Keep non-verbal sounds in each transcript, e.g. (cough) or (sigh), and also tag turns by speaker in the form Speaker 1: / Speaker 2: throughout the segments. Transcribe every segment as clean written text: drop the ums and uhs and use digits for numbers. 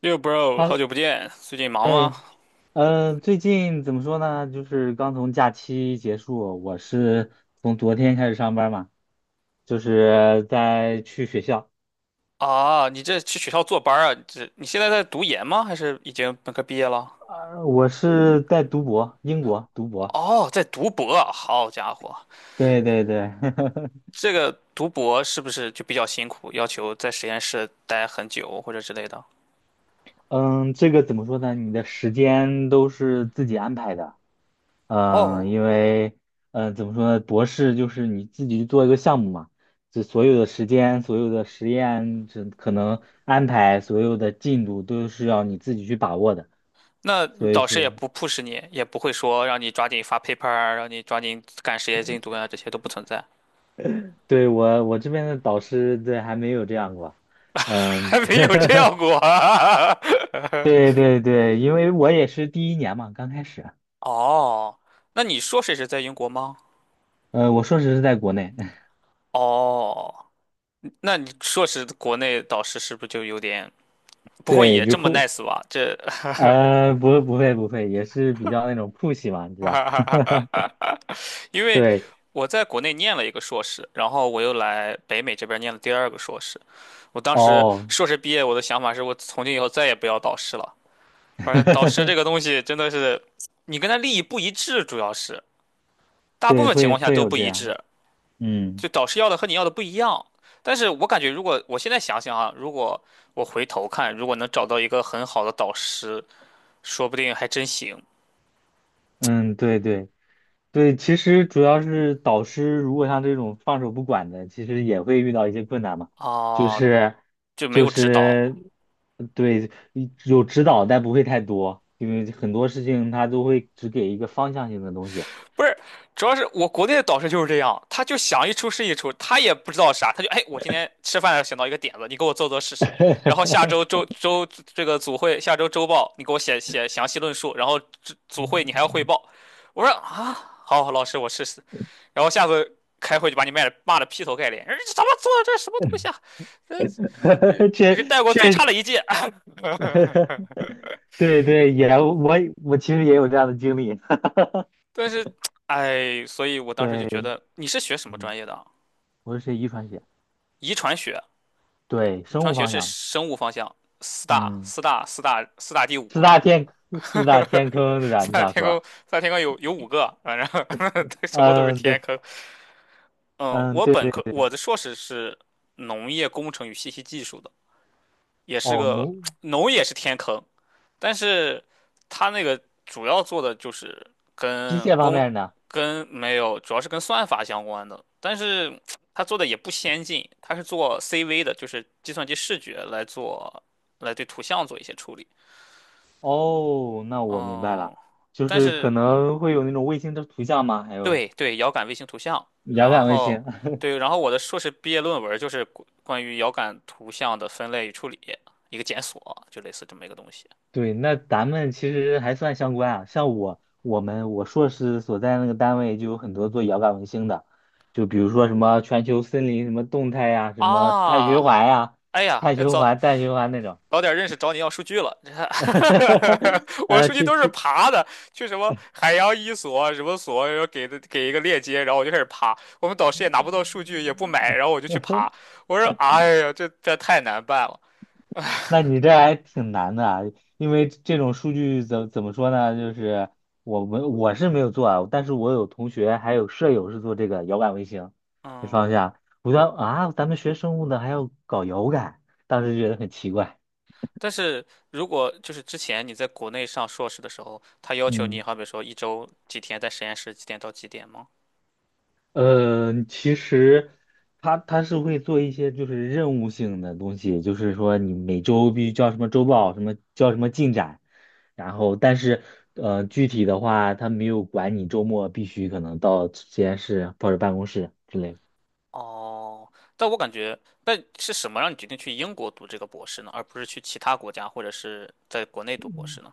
Speaker 1: 六 bro，
Speaker 2: 哈，
Speaker 1: 好久不见，最近忙吗？
Speaker 2: 哎，最近怎么说呢？就是刚从假期结束，我是从昨天开始上班嘛，就是在去学校。
Speaker 1: 啊，你这去学校坐班啊？你现在在读研吗？还是已经本科毕业了？
Speaker 2: 我是在读博，英国读博。
Speaker 1: 哦，在读博啊好家伙，
Speaker 2: 对对对，(laughs)
Speaker 1: 这个读博是不是就比较辛苦，要求在实验室待很久或者之类的？
Speaker 2: 嗯，这个怎么说呢？你的时间都是自己安排的。嗯，
Speaker 1: 哦，
Speaker 2: 因为，怎么说呢，博士就是你自己去做一个项目嘛，这所有的时间、所有的实验，这可能安排所有的进度都是要你自己去把握的。
Speaker 1: 那你
Speaker 2: 所以
Speaker 1: 导师也
Speaker 2: 说，
Speaker 1: 不 push 你，也不会说让你抓紧发 paper，啊让你抓紧赶实验进度啊，这些都不存在，
Speaker 2: 对我这边的导师，对，还没有这样过。
Speaker 1: (laughs)
Speaker 2: 嗯。
Speaker 1: 还没有这样过
Speaker 2: (laughs)
Speaker 1: 啊。(laughs)
Speaker 2: 对对对，因为我也是第一年嘛，刚开始。
Speaker 1: 哦，那你说谁也是在英国吗？
Speaker 2: 我硕士是在国内。(laughs)
Speaker 1: 哦。那你硕士国内导师是不是就有点不会
Speaker 2: 对，
Speaker 1: 也
Speaker 2: 就
Speaker 1: 这么
Speaker 2: 酷。
Speaker 1: nice 吧？这
Speaker 2: (laughs) 不会不会，也是比较那种 push 嘛，你知道。
Speaker 1: (laughs) 因
Speaker 2: (laughs)
Speaker 1: 为
Speaker 2: 对。
Speaker 1: 我在国内念了一个硕士，然后我又来北美这边念了第二个硕士。我当时
Speaker 2: 哦。
Speaker 1: 硕士毕业，我的想法是我从今以后再也不要导师了。而且导师这
Speaker 2: (laughs)
Speaker 1: 个东西真的是，你跟他利益不一致，主要是大部
Speaker 2: 对，
Speaker 1: 分情
Speaker 2: 会
Speaker 1: 况下
Speaker 2: 会
Speaker 1: 都
Speaker 2: 有
Speaker 1: 不
Speaker 2: 这
Speaker 1: 一
Speaker 2: 样。
Speaker 1: 致，
Speaker 2: 嗯
Speaker 1: 就导师要的和你要的不一样。但是我感觉，如果我现在想想啊，如果我回头看，如果能找到一个很好的导师，说不定还真行。
Speaker 2: 嗯，对对对，其实主要是导师如果像这种放手不管的，其实也会遇到一些困难嘛。就
Speaker 1: 啊，
Speaker 2: 是
Speaker 1: 就没
Speaker 2: 就
Speaker 1: 有指
Speaker 2: 是
Speaker 1: 导，
Speaker 2: 对，有指导，但不会太多，因为很多事情他都会只给一个方向性的东西。
Speaker 1: 不是，主要是我国内的导师就是这样，他就想一出是一出，他也不知道啥，他就哎，我今天吃饭的时候想到一个点子，你给我做做试试，然后下周这个组会，下周周报你给我写写详细论述，然后组会你还要汇报，我说啊，好，老师我试试，然后下次开会就把你骂的劈头盖脸，哎这怎么做的这什么东西啊，
Speaker 2: (laughs)
Speaker 1: 这这
Speaker 2: 确
Speaker 1: 是带过最
Speaker 2: 确
Speaker 1: 差的一届，(laughs) 哎
Speaker 2: (laughs)，对对，我其实也有这样的经历。
Speaker 1: 但是哎，所以我
Speaker 2: (laughs)
Speaker 1: 当时就
Speaker 2: 对。
Speaker 1: 觉得你是学什么
Speaker 2: 嗯，
Speaker 1: 专业的啊？
Speaker 2: 我是学遗传学，
Speaker 1: 遗传学，
Speaker 2: 对，
Speaker 1: 遗
Speaker 2: 生
Speaker 1: 传
Speaker 2: 物
Speaker 1: 学
Speaker 2: 方
Speaker 1: 是
Speaker 2: 向。
Speaker 1: 生物方向，四大
Speaker 2: 嗯。
Speaker 1: 四大四大四大第
Speaker 2: 四
Speaker 1: 五是
Speaker 2: 大
Speaker 1: 吧？
Speaker 2: 天四大天坑对
Speaker 1: (laughs)
Speaker 2: 吧？
Speaker 1: 四
Speaker 2: 你
Speaker 1: 大
Speaker 2: 想
Speaker 1: 天坑，
Speaker 2: 说？
Speaker 1: 四大天坑有五个，反正 (laughs) 什么都是
Speaker 2: 嗯，
Speaker 1: 天
Speaker 2: 对。
Speaker 1: 坑。嗯，
Speaker 2: 嗯，
Speaker 1: 我
Speaker 2: 对
Speaker 1: 本
Speaker 2: 对。
Speaker 1: 科我的硕士是农业工程与信息技术的，也是
Speaker 2: 哦。
Speaker 1: 个农也是天坑，但是它那个主要做的就是
Speaker 2: 机
Speaker 1: 跟
Speaker 2: 械方
Speaker 1: 工
Speaker 2: 面呢？
Speaker 1: 跟没有，主要是跟算法相关的，但是它做的也不先进，它是做 CV 的，就是计算机视觉来对图像做一些处理。
Speaker 2: 哦，那我明白了，
Speaker 1: 嗯，
Speaker 2: 就
Speaker 1: 但
Speaker 2: 是可
Speaker 1: 是
Speaker 2: 能会有那种卫星的图像吗？还有
Speaker 1: 对对，遥感卫星图像，
Speaker 2: 遥
Speaker 1: 然
Speaker 2: 感卫
Speaker 1: 后
Speaker 2: 星。(laughs)
Speaker 1: 对，然后我的硕士毕业论文就是关于遥感图像的分类与处理，一个检索，就类似这么一个东西
Speaker 2: 对，那咱们其实还算相关啊。像我，我硕士所在那个单位就有很多做遥感卫星的，就比如说什么全球森林什么动态呀、什么碳循
Speaker 1: 啊。
Speaker 2: 环呀、
Speaker 1: 哎呀，
Speaker 2: 碳
Speaker 1: 要
Speaker 2: 循
Speaker 1: 早
Speaker 2: 环、氮循环那种。
Speaker 1: 早点认识找你要数据了。
Speaker 2: (laughs)
Speaker 1: (laughs) 我数据
Speaker 2: 去
Speaker 1: 都是
Speaker 2: 去。
Speaker 1: 爬的，去什么海洋一所什么所，然后给一个链接，然后我就开始爬。我们导师也拿不到数据，也不买，然后我就去爬。
Speaker 2: (laughs)
Speaker 1: 我说，哎呀，这太难办了。
Speaker 2: 那你这还挺难的啊，因为这种数据怎么说呢？就是我是没有做啊，但是我有同学还有舍友是做这个遥感卫星这
Speaker 1: 嗯，
Speaker 2: 方向。我说啊，咱们学生物的还要搞遥感，当时觉得很奇怪。
Speaker 1: 但是如果就是之前你在国内上硕士的时候，他要求你，
Speaker 2: 嗯。
Speaker 1: 好比说一周几天在实验室，几点到几点吗？
Speaker 2: 其实他是会做一些就是任务性的东西，就是说你每周必须交什么周报，什么交什么进展，然后但是具体的话，他没有管你周末必须可能到实验室或者办公室之类的。
Speaker 1: 哦，但我感觉，但是什么让你决定去英国读这个博士呢，而不是去其他国家或者是在国内读博士呢？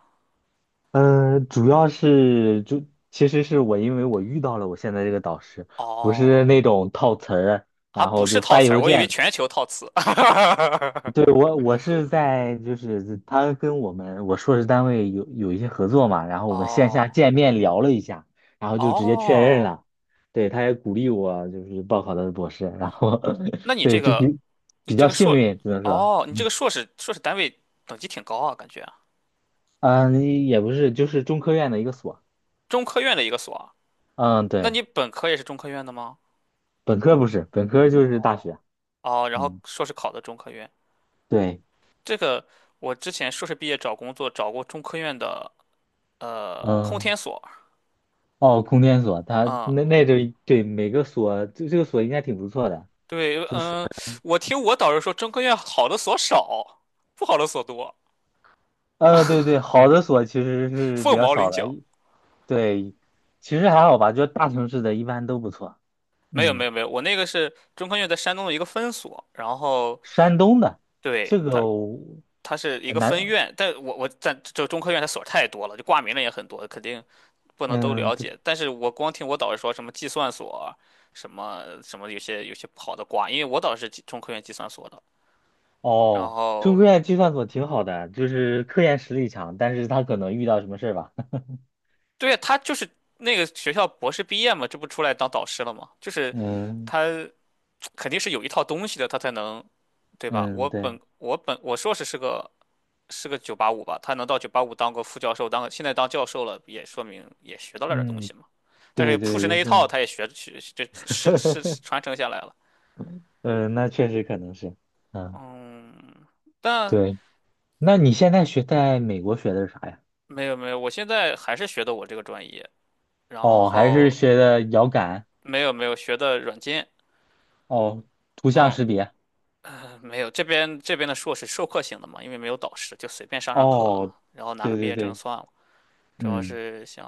Speaker 2: 主要是就其实是因为我遇到了我现在这个导师，不是
Speaker 1: 哦。
Speaker 2: 那种套词儿，
Speaker 1: 啊，
Speaker 2: 然
Speaker 1: 不
Speaker 2: 后
Speaker 1: 是
Speaker 2: 就
Speaker 1: 套
Speaker 2: 发
Speaker 1: 词儿，
Speaker 2: 邮
Speaker 1: 我以为
Speaker 2: 件。
Speaker 1: 全球套词。(laughs)
Speaker 2: 对，我我是在就是他跟我硕士单位有一些合作嘛，然后我们线下
Speaker 1: 哦
Speaker 2: 见面聊了一下，然后就直接确认
Speaker 1: 哦，
Speaker 2: 了。对，他也鼓励我就是报考的博士，然后 (laughs)
Speaker 1: 那你这
Speaker 2: 对
Speaker 1: 个，你
Speaker 2: 比
Speaker 1: 这
Speaker 2: 较
Speaker 1: 个
Speaker 2: 幸
Speaker 1: 硕，
Speaker 2: 运，只能说。
Speaker 1: 哦，你这个硕士单位等级挺高啊，感觉
Speaker 2: 嗯，也不是，就是中科院的一个所。
Speaker 1: 中科院的一个所啊。
Speaker 2: 嗯，
Speaker 1: 那
Speaker 2: 对，
Speaker 1: 你本科也是中科院的吗？
Speaker 2: 本科不是，本科就是大学。
Speaker 1: 哦，然后
Speaker 2: 嗯，
Speaker 1: 硕士考的中科院。
Speaker 2: 对，
Speaker 1: 这个我之前硕士毕业找工作找过中科院的空
Speaker 2: 嗯。
Speaker 1: 天所，
Speaker 2: 哦，空间所，他
Speaker 1: 嗯，
Speaker 2: 那就对每个所，就这个所应该挺不错的。
Speaker 1: 对，
Speaker 2: 就是。
Speaker 1: 嗯，我听我导师说中科院好的所少，不好的所多，
Speaker 2: 对对，好的所其实是比
Speaker 1: 凤
Speaker 2: 较
Speaker 1: 毛麟
Speaker 2: 少的，
Speaker 1: 角。
Speaker 2: 对，其实还好吧，就大城市的一般都不错。
Speaker 1: 没有没
Speaker 2: 嗯，
Speaker 1: 有没有，我那个是中科院在山东的一个分所，然后
Speaker 2: 山东的
Speaker 1: 对
Speaker 2: 这个
Speaker 1: 它
Speaker 2: 我
Speaker 1: 它是一
Speaker 2: 呃
Speaker 1: 个
Speaker 2: 南
Speaker 1: 分院，但我在这中科院它所太多了，就挂名的也很多，肯定不能都
Speaker 2: 嗯，
Speaker 1: 了
Speaker 2: 对。
Speaker 1: 解。但是我光听我导师说什么计算所，什么有些不好的挂，因为我导师是计中科院计算所的。然
Speaker 2: 哦，中
Speaker 1: 后
Speaker 2: 科院计算所挺好的，就是科研实力强，但是他可能遇到什么事儿吧。(laughs)
Speaker 1: 对呀，他就是那个学校博士毕业嘛，这不出来当导师了吗？就是
Speaker 2: 嗯
Speaker 1: 他 (tsk) 肯定是有一套东西的，他才能对吧？
Speaker 2: 嗯，
Speaker 1: 我
Speaker 2: 对。
Speaker 1: 本我本我硕士是个九八五吧，他能到九八五当个副教授，当个现在当教授了，也说明也学到了点东
Speaker 2: 嗯，
Speaker 1: 西嘛。但
Speaker 2: 对
Speaker 1: 是
Speaker 2: 对，
Speaker 1: push 那
Speaker 2: 也
Speaker 1: 一套，
Speaker 2: 是。
Speaker 1: 他也学这是
Speaker 2: (laughs)
Speaker 1: 传承下来了。
Speaker 2: 嗯，那确实可能是。嗯，
Speaker 1: 嗯，但
Speaker 2: 对。那你现在学在美国学的是啥呀？
Speaker 1: 没有，我现在还是学的我这个专业，然
Speaker 2: 哦，还是
Speaker 1: 后
Speaker 2: 学的遥感。
Speaker 1: 没有学的软件，
Speaker 2: 哦，图像
Speaker 1: 嗯，
Speaker 2: 识别。
Speaker 1: 没有这边的硕士授课型的嘛，因为没有导师，就随便上课啊，
Speaker 2: 哦，
Speaker 1: 然后拿个
Speaker 2: 对
Speaker 1: 毕
Speaker 2: 对
Speaker 1: 业证
Speaker 2: 对，
Speaker 1: 算了。主要
Speaker 2: 嗯
Speaker 1: 是想，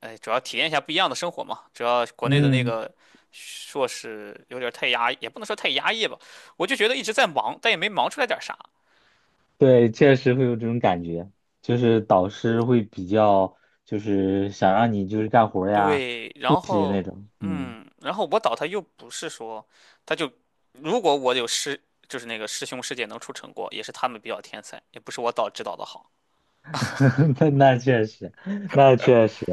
Speaker 1: 哎，主要体验一下不一样的生活嘛。主要国内的那
Speaker 2: 嗯，
Speaker 1: 个硕士有点太压抑，也不能说太压抑吧，我就觉得一直在忙，但也没忙出来点啥。
Speaker 2: 对，确实会有这种感觉，就是导师会比较，就是想让你就是干活儿呀，
Speaker 1: 对，
Speaker 2: 复
Speaker 1: 然
Speaker 2: 习那
Speaker 1: 后
Speaker 2: 种。嗯。
Speaker 1: 嗯，然后我导他又不是说，他就如果我有师，就是那个师兄师姐能出成果，也是他们比较天才，也不是我导指导的好。
Speaker 2: (laughs) 那确实，那确实。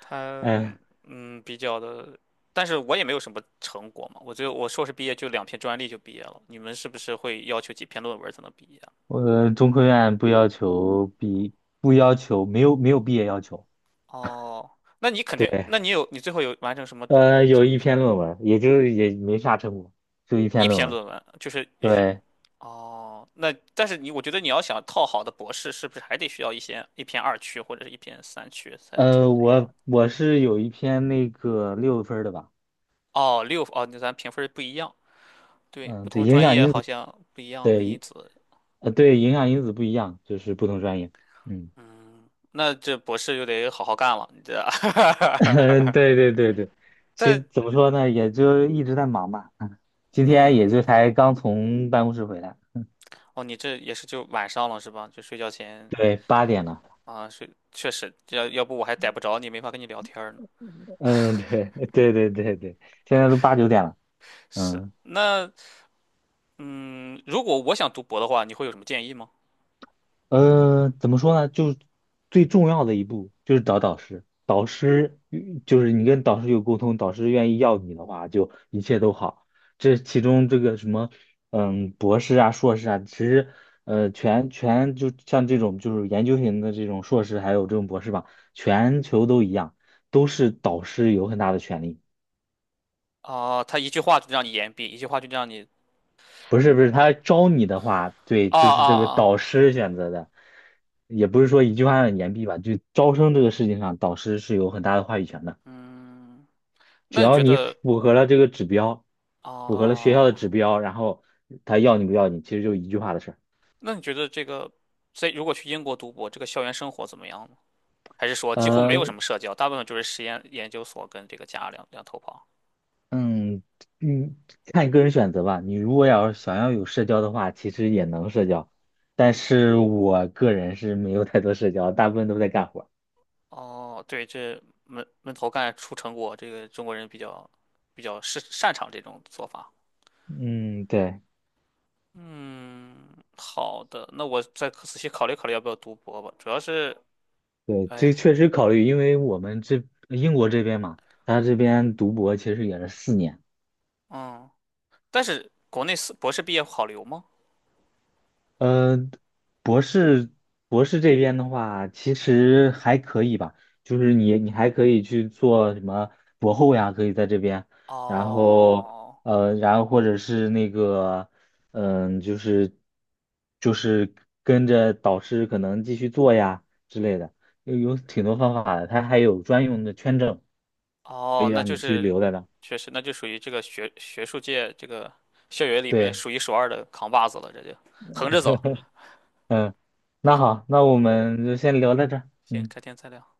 Speaker 1: 他
Speaker 2: 哎，
Speaker 1: 嗯比较的，但是我也没有什么成果嘛，我只有我硕士毕业就两篇专利就毕业了，你们是不是会要求几篇论文才能毕业啊
Speaker 2: 我中科院不要求，没有毕业要求。
Speaker 1: 哦，那你肯定，
Speaker 2: 对。
Speaker 1: 那你有你最后有完成什么？
Speaker 2: 有
Speaker 1: 成？
Speaker 2: 一篇论文，也就是也没啥成果，就一
Speaker 1: 一
Speaker 2: 篇论
Speaker 1: 篇
Speaker 2: 文。
Speaker 1: 论文，就是一
Speaker 2: 对。
Speaker 1: 哦，那但是你我觉得你要想套好的博士，是不是还得需要一些一篇二区或者是一篇三区才才才要？
Speaker 2: 我是有一篇那个6分儿的吧。
Speaker 1: 哦，六哦，那咱评分不一样，对，
Speaker 2: 嗯，
Speaker 1: 不同
Speaker 2: 对，
Speaker 1: 的
Speaker 2: 影
Speaker 1: 专
Speaker 2: 响
Speaker 1: 业
Speaker 2: 因
Speaker 1: 好
Speaker 2: 子。
Speaker 1: 像不一样的，因
Speaker 2: 对。
Speaker 1: 此，
Speaker 2: 对，影响因子不一样，就是不同专业。嗯。
Speaker 1: 嗯，那这博士就得好好干了，你这，
Speaker 2: (laughs)
Speaker 1: (laughs)
Speaker 2: 对对对对，其实
Speaker 1: 但
Speaker 2: 怎么说呢，也就一直在忙吧。嗯，今天也就
Speaker 1: 嗯，
Speaker 2: 才刚从办公室回来。
Speaker 1: 哦，你这也是就晚上了是吧？就睡觉前
Speaker 2: 对，8点了。
Speaker 1: 啊，睡确实，要不我还逮不着你，没法跟你聊天儿呢。
Speaker 2: 嗯，对。 (laughs) 对对对对，现在都8、9点了。
Speaker 1: 是，
Speaker 2: 嗯。
Speaker 1: 那嗯，如果我想读博的话，你会有什么建议吗？
Speaker 2: 嗯，怎么说呢？就最重要的一步就是找导师，导师与就是你跟导师有沟通，导师愿意要你的话，就一切都好。这其中这个什么，嗯，博士啊、硕士啊，其实就像这种就是研究型的这种硕士，还有这种博士吧，全球都一样，都是导师有很大的权利。
Speaker 1: 啊、他一句话就让你言毕，一句话就让你
Speaker 2: 不是不是，他招你的话，对，
Speaker 1: 啊
Speaker 2: 就
Speaker 1: 啊
Speaker 2: 是这个
Speaker 1: 啊，
Speaker 2: 导师选择的，也不是说一句话让你言毕吧，就招生这个事情上，导师是有很大的话语权的。
Speaker 1: 嗯，
Speaker 2: 只
Speaker 1: 那你
Speaker 2: 要
Speaker 1: 觉
Speaker 2: 你
Speaker 1: 得
Speaker 2: 符合了这个指标，符合了学校
Speaker 1: 啊，
Speaker 2: 的指标，然后他要你不要你，其实就一句话的事儿。
Speaker 1: 那你觉得这个在如果去英国读博，这个校园生活怎么样呢？还是说几乎没
Speaker 2: 呃，
Speaker 1: 有什么社交，大部分就是实验研究所跟这个家两头跑？
Speaker 2: 嗯嗯，看你个人选择吧。你如果要是想要有社交的话，其实也能社交，但是我个人是没有太多社交，大部分都在干活儿。
Speaker 1: 哦，对，这闷头干出成果，这个中国人比较是擅长这种做法。
Speaker 2: 嗯，对。
Speaker 1: 嗯，好的，那我再仔细考虑考虑要不要读博吧。主要是
Speaker 2: 对，这
Speaker 1: 哎，
Speaker 2: 确实考虑，因为我们这英国这边嘛，他这边读博其实也是4年。
Speaker 1: 嗯，但是国内四博士毕业好留吗？
Speaker 2: 呃，博士博士这边的话，其实还可以吧，就是你还可以去做什么博后呀，可以在这边，然后
Speaker 1: 哦，
Speaker 2: 然后或者是那个，嗯、就是就是跟着导师可能继续做呀之类的，有挺多方法的，他还有专用的签证可以
Speaker 1: 哦，那
Speaker 2: 让
Speaker 1: 就
Speaker 2: 你去
Speaker 1: 是
Speaker 2: 留在那。
Speaker 1: 确实，那就属于这个学术界这个校园里面
Speaker 2: 对。
Speaker 1: 数一数二的扛把子了，这就横着走。
Speaker 2: 嗯，那好，那我们就先聊到这儿
Speaker 1: 行，
Speaker 2: 。
Speaker 1: 改天再聊。